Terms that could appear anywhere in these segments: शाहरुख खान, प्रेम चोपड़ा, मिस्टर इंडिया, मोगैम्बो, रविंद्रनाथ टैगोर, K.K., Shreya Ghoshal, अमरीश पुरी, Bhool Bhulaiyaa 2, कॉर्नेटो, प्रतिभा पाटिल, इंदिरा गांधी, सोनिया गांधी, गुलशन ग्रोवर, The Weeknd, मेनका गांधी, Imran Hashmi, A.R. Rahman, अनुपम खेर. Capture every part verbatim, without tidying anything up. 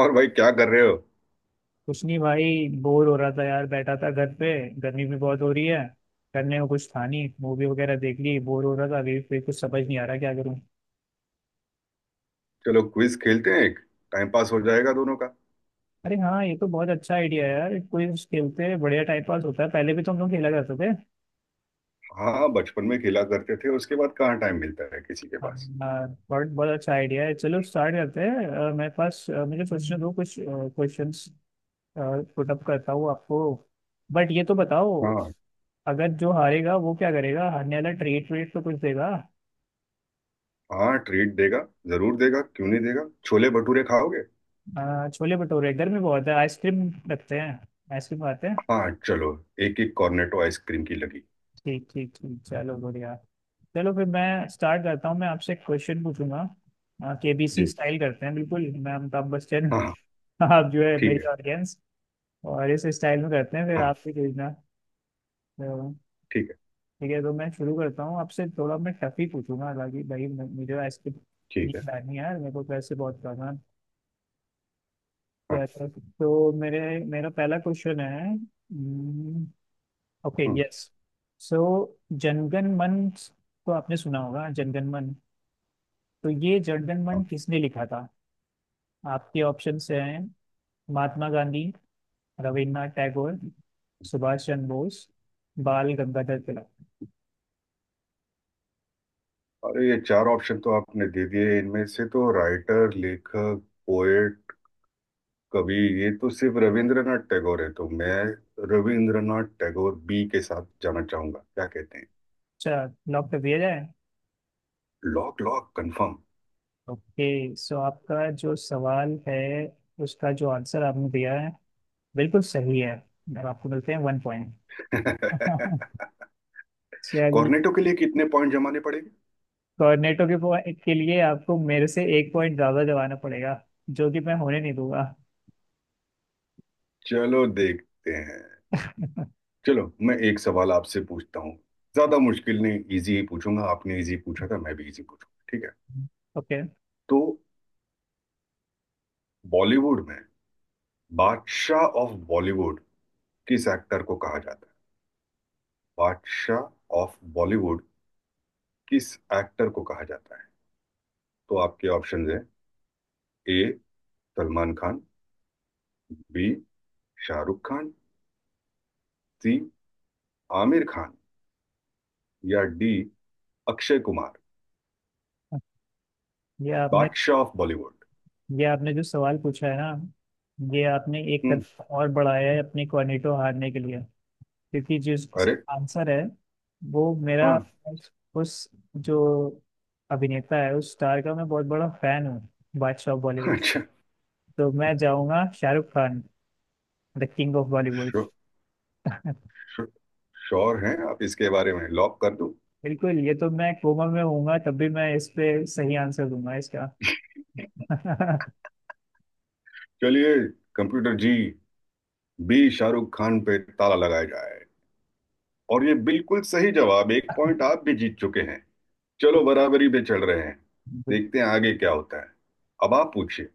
और भाई, क्या कर रहे हो? कुछ नहीं भाई, बोर हो रहा था यार, बैठा था घर पे। गर्मी भी बहुत हो रही है। करने को कुछ था नहीं, मूवी वगैरह देख ली, बोर हो रहा था। अभी फिर कुछ समझ नहीं आ रहा क्या करूं। चलो, क्विज खेलते हैं एक। टाइम पास हो जाएगा दोनों का। अरे हाँ, ये तो बहुत अच्छा आइडिया है यार, क्विज खेलते हैं, बढ़िया टाइम पास होता है, पहले भी तो हम लोग खेला करते थे। हाँ, बचपन में खेला करते थे। उसके बाद कहाँ टाइम मिलता है किसी के हाँ, पास। बहुत बहुत अच्छा आइडिया है, चलो स्टार्ट करते हैं। अ, मेरे पास अ, मुझे सोचने दो कुछ क्वेश्चंस पुट अप करता हूँ आपको। बट ये तो बताओ, हाँ। अगर जो हारेगा वो क्या करेगा, हारने वाला ट्रीट ट्रीट तो कुछ देगा। हाँ, ट्रीट देगा। जरूर देगा, क्यों नहीं देगा। छोले भटूरे खाओगे? हाँ छोले भटूरे इधर भी बहुत है, आइसक्रीम रखते हैं, आइसक्रीम खाते हैं। हाँ, चलो। एक एक कॉर्नेटो आइसक्रीम की लगी। ठीक ठीक ठीक, चलो बढ़िया। चलो फिर मैं स्टार्ट करता हूँ, मैं आपसे एक क्वेश्चन पूछूंगा। के बी सी जी। स्टाइल करते हैं, बिल्कुल मैं अमिताभ बच्चन। हाँ, हाँ। आप जो है ठीक मेरी है। ऑडियंस, और इस स्टाइल में करते हैं फिर हाँ। आप भी पूछना। तो ठीक है। ठीक है, तो मैं शुरू करता हूँ आपसे, थोड़ा मैं टफ ही पूछूंगा। हालांखि भाई म- मुझे आइसक्रीम नहीं ठीक है। खिलानी है यार, मेरे को पैसे बहुत करना है। हाँ। तो मेरे मेरा पहला क्वेश्चन है। हम्म, okay hmm. Yes, so Janagana Mana, तो आपने सुना होगा जनगण मन, तो ये जनगण मन हाँ। किसने लिखा था? आपके ऑप्शन हैं महात्मा गांधी, रविन्द्रनाथ टैगोर, हम्म। सुभाष चंद्र बोस, बाल गंगाधर तिलक। अरे, ये चार ऑप्शन तो आपने दे दिए। इनमें से तो राइटर, लेखक, पोएट, कवि, ये तो सिर्फ रविंद्रनाथ टैगोर है। तो मैं रविंद्रनाथ टैगोर बी के साथ जाना चाहूंगा। क्या कहते हैं? अच्छा, लॉक कर दिया जाए। Lock, lock confirm. Okay, so आपका जो सवाल है उसका जो आंसर आपने दिया है बिल्कुल सही है, और आपको मिलते हैं वन पॉइंट। चलिए, कॉर्नेटो के लिए कितने पॉइंट जमाने पड़ेंगे? कोऑर्डिनेटों के point के लिए आपको मेरे से एक पॉइंट ज्यादा जमाना पड़ेगा, जो कि मैं होने नहीं दूंगा। चलो, देखते हैं। चलो, मैं एक सवाल आपसे पूछता हूँ। ज्यादा मुश्किल नहीं, इजी ही पूछूंगा। आपने इजी पूछा था, मैं भी इजी पूछूंगा। ठीक है? ओके। तो बॉलीवुड में, बादशाह ऑफ बॉलीवुड किस एक्टर को कहा जाता है? बादशाह ऑफ बॉलीवुड किस एक्टर को कहा जाता है? तो आपके ऑप्शन है, A Salman Khan, B शाहरुख खान, C Aamir Khan, या डी अक्षय कुमार। ये आपने बादशाह ऑफ बॉलीवुड। ये आपने जो सवाल पूछा है ना, ये आपने एक हम्म। कदम और बढ़ाया है अपने कोऑर्डिनेटो हारने के लिए, क्योंकि जो अरे। आंसर है वो मेरा, हाँ। उस उस जो अभिनेता है उस स्टार का मैं बहुत बड़ा फैन हूँ, बादशाह बॉलीवुड। अच्छा। तो मैं जाऊंगा शाहरुख खान, the king of Bollywood. Sure, sure, sure हैं आप इसके बारे में? लॉक कर दूं? बिल्कुल, ये तो मैं कोमा में होऊंगा तब भी मैं इस पे सही आंसर दूंगा इसका। चलिए, कंप्यूटर जी, बी शाहरुख खान पे ताला लगाया जाए। और ये बिल्कुल सही जवाब। एक पॉइंट आप भी जीत चुके हैं। चलो, बराबरी पे चल रहे हैं। देखते हैं आगे क्या होता है। अब आप पूछिए।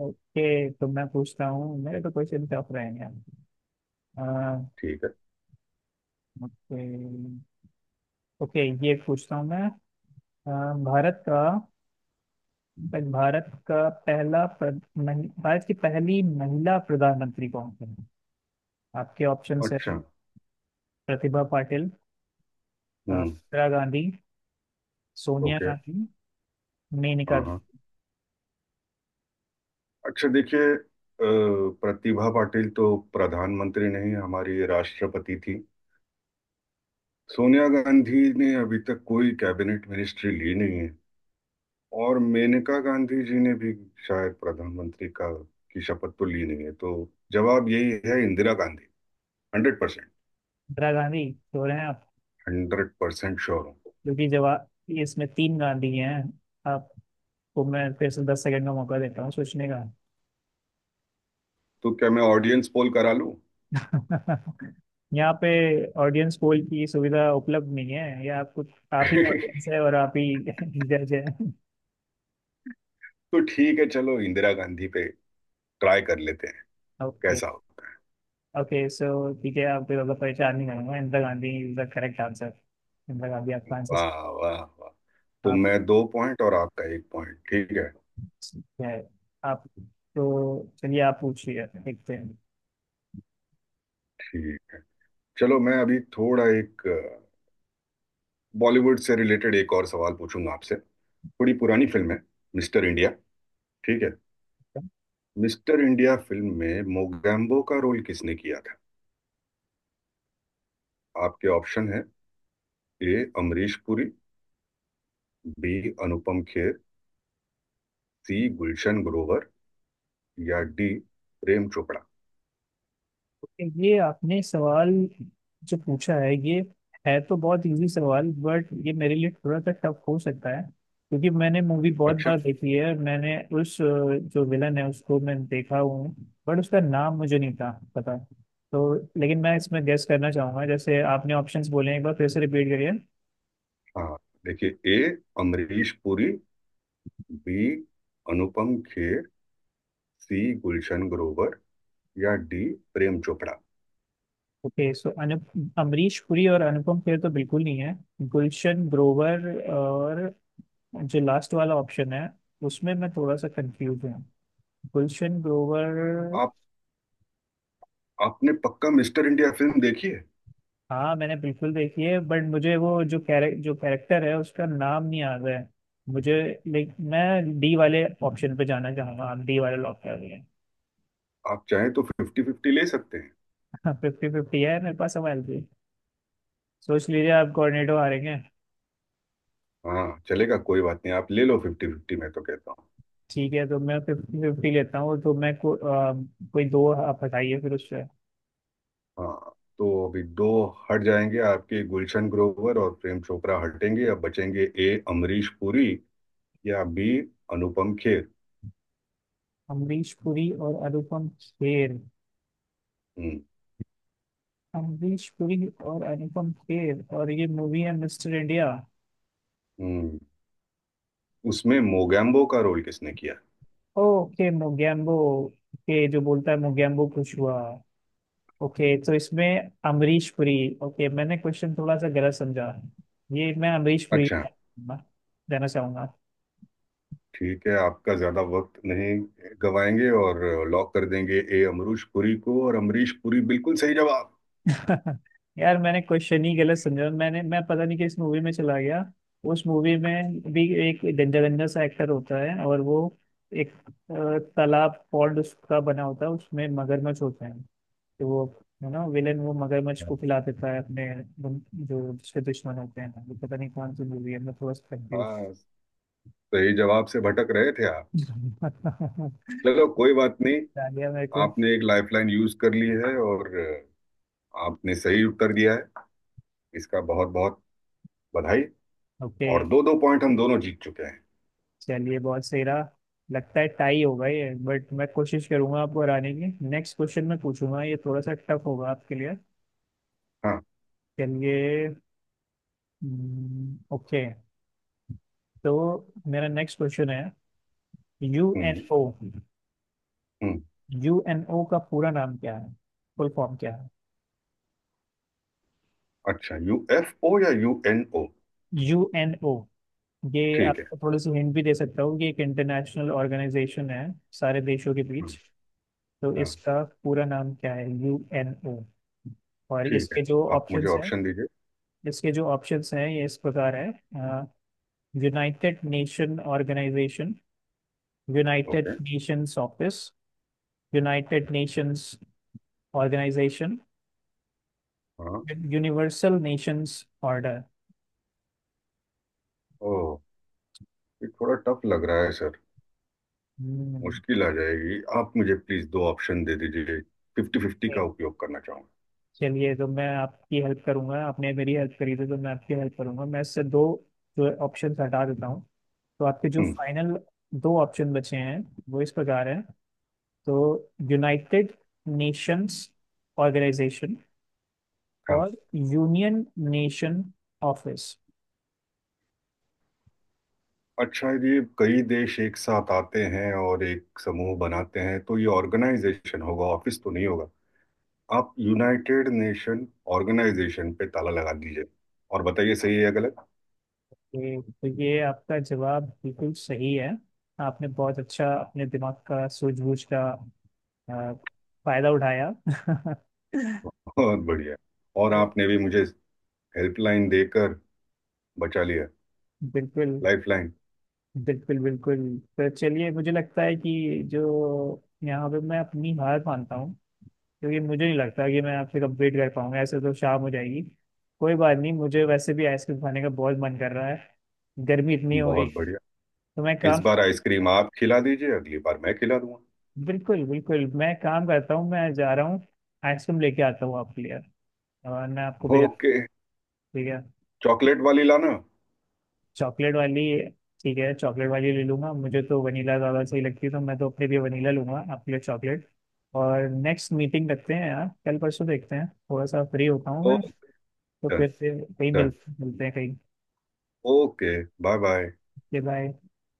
ओके, तो मैं पूछता हूँ, मेरे तो क्वेश्चन टफ रहेंगे। अह, ठीक है। ओके ओके ये पूछता हूँ मैं। अ, भारत का भारत का पहला प्र- महि- भारत की पहली महिला प्रधानमंत्री कौन थी? आपके ऑप्शंस हैं अच्छा। प्रतिभा पाटिल, अ, हम्म। इंदिरा गांधी, सोनिया ओके। गांधी, मेनका हाँ। हाँ। गांधी। अच्छा, देखिए, अ, प्रतिभा पाटिल तो प्रधानमंत्री नहीं, हमारी राष्ट्रपति थी। सोनिया गांधी ने अभी तक कोई कैबिनेट मिनिस्ट्री ली नहीं है। और मेनका गांधी जी ने भी शायद प्रधानमंत्री का, की शपथ तो ली नहीं है। तो जवाब यही है, इंदिरा गांधी। Hundred percent. इंदिरा गांधी तो रहे हैं, हंड्रेड परसेंट श्योर हूँ। क्योंकि जवाब ये, इसमें तीन गांधी हैं आपको। मैं फिर से दस सेकंड का मौका देता हूँ सोचने का। तो क्या मैं ऑडियंस पोल करा लूं? यहाँ पे ऑडियंस पोल की सुविधा उपलब्ध नहीं है, ये आप कुछ, आप ही ऑडियंस है और आप ही जज है। तो ठीक है, चलो इंदिरा गांधी पे ट्राई कर लेते हैं। ओके, कैसा हो? ओके सो ठीक है, आपको ज़्यादा परेशान नहीं करूंगा, इंदिरा गांधी is the correct answer. इंदिरा गांधी आपका आंसर। वाह, वाह, वाह। तो आप मैं दो पॉइंट और आपका एक पॉइंट। ठीक है। ठीक है, आप तो चलिए, आप पूछिए, देखते हैं। ठीक है। चलो, मैं अभी थोड़ा एक बॉलीवुड से रिलेटेड एक और सवाल पूछूंगा आपसे। थोड़ी पुरानी फिल्म है, मिस्टर इंडिया। ठीक है? मिस्टर इंडिया फिल्म में मोगैम्बो का रोल किसने किया था? आपके ऑप्शन है, A अमरीश पुरी, B अनुपम खेर, C गुलशन ग्रोवर, या डी प्रेम चोपड़ा। ये आपने सवाल जो पूछा है, ये है तो बहुत इजी सवाल, बट ये मेरे लिए थोड़ा सा टफ हो सकता है। क्योंकि मैंने मूवी बहुत अच्छा। बार देखी है और मैंने उस अ, जो विलन है उसको मैं देखा हूँ, बट उसका नाम मुझे नहीं था पता। तो लेकिन मैं इसमें गेस करना चाहूंगा, जैसे आपने ऑप्शंस बोले हैं, एक बार फिर से रिपीट करिए। हाँ, देखिए, A अमरीश पुरी, B अनुपम खेर, C गुलशन ग्रोवर, या D प्रेम चोपड़ा। Okay, so अनु अमरीश पुरी और अनुपम खेर तो बिल्कुल नहीं है। गुलशन ग्रोवर और जो लास्ट वाला ऑप्शन है उसमें मैं थोड़ा सा कंफ्यूज हूँ, गुलशन ग्रोवर। आप आपने पक्का मिस्टर इंडिया फिल्म देखी है? हाँ मैंने बिल्कुल देखी है, बट मुझे वो जो कैरे, जो कैरेक्टर है उसका नाम नहीं याद है मुझे। लाइक, मैं डी वाले ऑप्शन पे जाना चाहूंगा, आप डी वाले लॉक कर रही हैं। आप चाहें तो फिफ्टी फिफ्टी ले सकते हैं। फिफ्टी फिफ्टी है मेरे पास सवाल भी, सोच लीजिए आप कोऑर्डिनेटर हारेंगे। हाँ, चलेगा, कोई बात नहीं। आप ले लो फिफ्टी फिफ्टी, मैं तो कहता हूँ। ठीक है तो मैं फिफ्टी फिफ्टी लेता हूँ, तो मैं को, आ, कोई दो आप हटाइए फिर उससे। हाँ। तो अभी दो हट जाएंगे आपके। गुलशन ग्रोवर और प्रेम चोपड़ा हटेंगे। अब बचेंगे ए अमरीश पुरी, या बी अनुपम खेर। अमरीश पुरी और अनुपम खेर, हम्म। अमरीश पुरी और अनुपम खेर और ये मूवी है मिस्टर इंडिया। हम्म, उसमें मोगैम्बो का रोल किसने किया? ओके मोगैम्बो, ओके जो बोलता है मोगैम्बो खुश हुआ। ओके तो इसमें अमरीश पुरी। ओके मैंने क्वेश्चन थोड़ा सा गलत समझा, ये मैं अमरीश पुरी अच्छा। का देना चाहूंगा। ठीक है, आपका ज्यादा वक्त नहीं गवाएंगे और लॉक कर देंगे ए अमरीश पुरी को। और अमरीश पुरी बिल्कुल सही जवाब। यार मैंने क्वेश्चन ही गलत समझा, मैंने मैं पता नहीं कि इस मूवी में चला गया, उस मूवी में भी एक गंजा गंजा सा एक्टर होता है, और वो एक अ, तालाब पॉन्ड उसका बना होता है, उसमें मगरमच्छ होते हैं, कि वो, है ना विलेन, वो मगरमच्छ को खिला देता है अपने दुन- जो उसके दुश्मन होते हैं। ये पता नहीं कौन सी मूवी है, मैं थोड़ा सा कंफ्यूज। हाँ, सही जवाब से भटक रहे थे आप। चलो, कोई बात नहीं। डालिया मेरे को। आपने एक लाइफलाइन यूज कर ली है और आपने सही उत्तर दिया है। इसका बहुत बहुत बधाई। ओके, और दो दो पॉइंट हम दोनों जीत चुके हैं। चलिए बहुत सही रहा। लगता है टाई होगा ये, बट मैं कोशिश करूंगा आपको हराने की, नेक्स्ट क्वेश्चन मैं पूछूंगा, ये थोड़ा सा टफ होगा आपके लिए। हाँ। चलिए, ओके, तो मेरा नेक्स्ट क्वेश्चन है यू एन हम्म। ओ हम्म। यू एन ओ का पूरा नाम क्या है? फुल फॉर्म क्या है? अच्छा, यूएफओ या यूएनओ? यू एन ओ, ये ठीक आप है। थोड़ी सी हिंट भी दे सकता हूँ कि एक इंटरनेशनल ऑर्गेनाइजेशन है, सारे देशों के हम्म। बीच। तो हाँ। इसका पूरा नाम क्या है यू एन ओ? और ठीक है, इसके जो आप मुझे ऑप्शंस हैं, ऑप्शन दीजिए। इसके जो ऑप्शंस हैं ये इस प्रकार है। United nation organisation, United okay. Nations office, United nations organisation, हाँ। Universal Nations order. ओ, ये थोड़ा टफ लग रहा है सर। मुश्किल आ जाएगी। आप मुझे प्लीज दो ऑप्शन दे दीजिए, फिफ्टी फिफ्टी का उपयोग करना चाहूंगा। चलिए, तो मैं आपकी हेल्प करूंगा, आपने मेरी हेल्प करी थी तो मैं आपकी हेल्प करूंगा। मैं इससे दो जो ऑप्शन हटा देता हूँ, तो आपके जो हम्म। फाइनल दो ऑप्शन बचे हैं वो इस प्रकार हैं, तो यूनाइटेड नेशंस ऑर्गेनाइजेशन हाँ। और यूनियन नेशन ऑफिस। अच्छा, ये कई देश एक साथ आते हैं और एक समूह बनाते हैं, तो ये ऑर्गेनाइजेशन होगा, ऑफिस तो नहीं होगा। आप यूनाइटेड नेशन ऑर्गेनाइजेशन पे ताला लगा दीजिए और बताइए, सही है या गलत? तो तो ये आपका जवाब बिल्कुल सही है, आपने बहुत अच्छा अपने दिमाग का सूझबूझ का अ, फायदा उठाया। बहुत बढ़िया। और आपने भी मुझे हेल्पलाइन देकर बचा लिया। बिल्कुल लाइफलाइन। बिल्कुल बिल्कुल, तो चलिए मुझे लगता है कि जो यहाँ पे मैं अपनी हार मानता हूँ, क्योंकि मुझे नहीं लगता कि मैं आपसे कंप्लीट कर पाऊंगा, ऐसे तो शाम हो जाएगी। कोई बात नहीं, मुझे वैसे भी आइसक्रीम खाने का बहुत मन कर रहा है, गर्मी इतनी हो रही। बहुत बढ़िया। तो मैं इस काम, बार आइसक्रीम आप खिला दीजिए, अगली बार मैं खिला दूंगा। बिल्कुल बिल्कुल मैं काम करता हूँ, मैं जा रहा हूँ, आइसक्रीम लेके आता हूँ आपके लिए और मैं आपको भेजा। ओके। ठीक है चॉकलेट वाली लाना। चॉकलेट वाली, ठीक है चॉकलेट वाली ले लूंगा, मुझे तो वनीला ज़्यादा सही लगती है तो मैं तो अपने लिए वनीला लूंगा आपके लिए चॉकलेट। और नेक्स्ट मीटिंग रखते हैं यार कल परसों, देखते हैं थोड़ा सा फ्री होता हूँ ओ, मैं। तो डन, फिर से कहीं मिल डन। मिलते हैं कहीं। ओके। Bye, bye. बाय।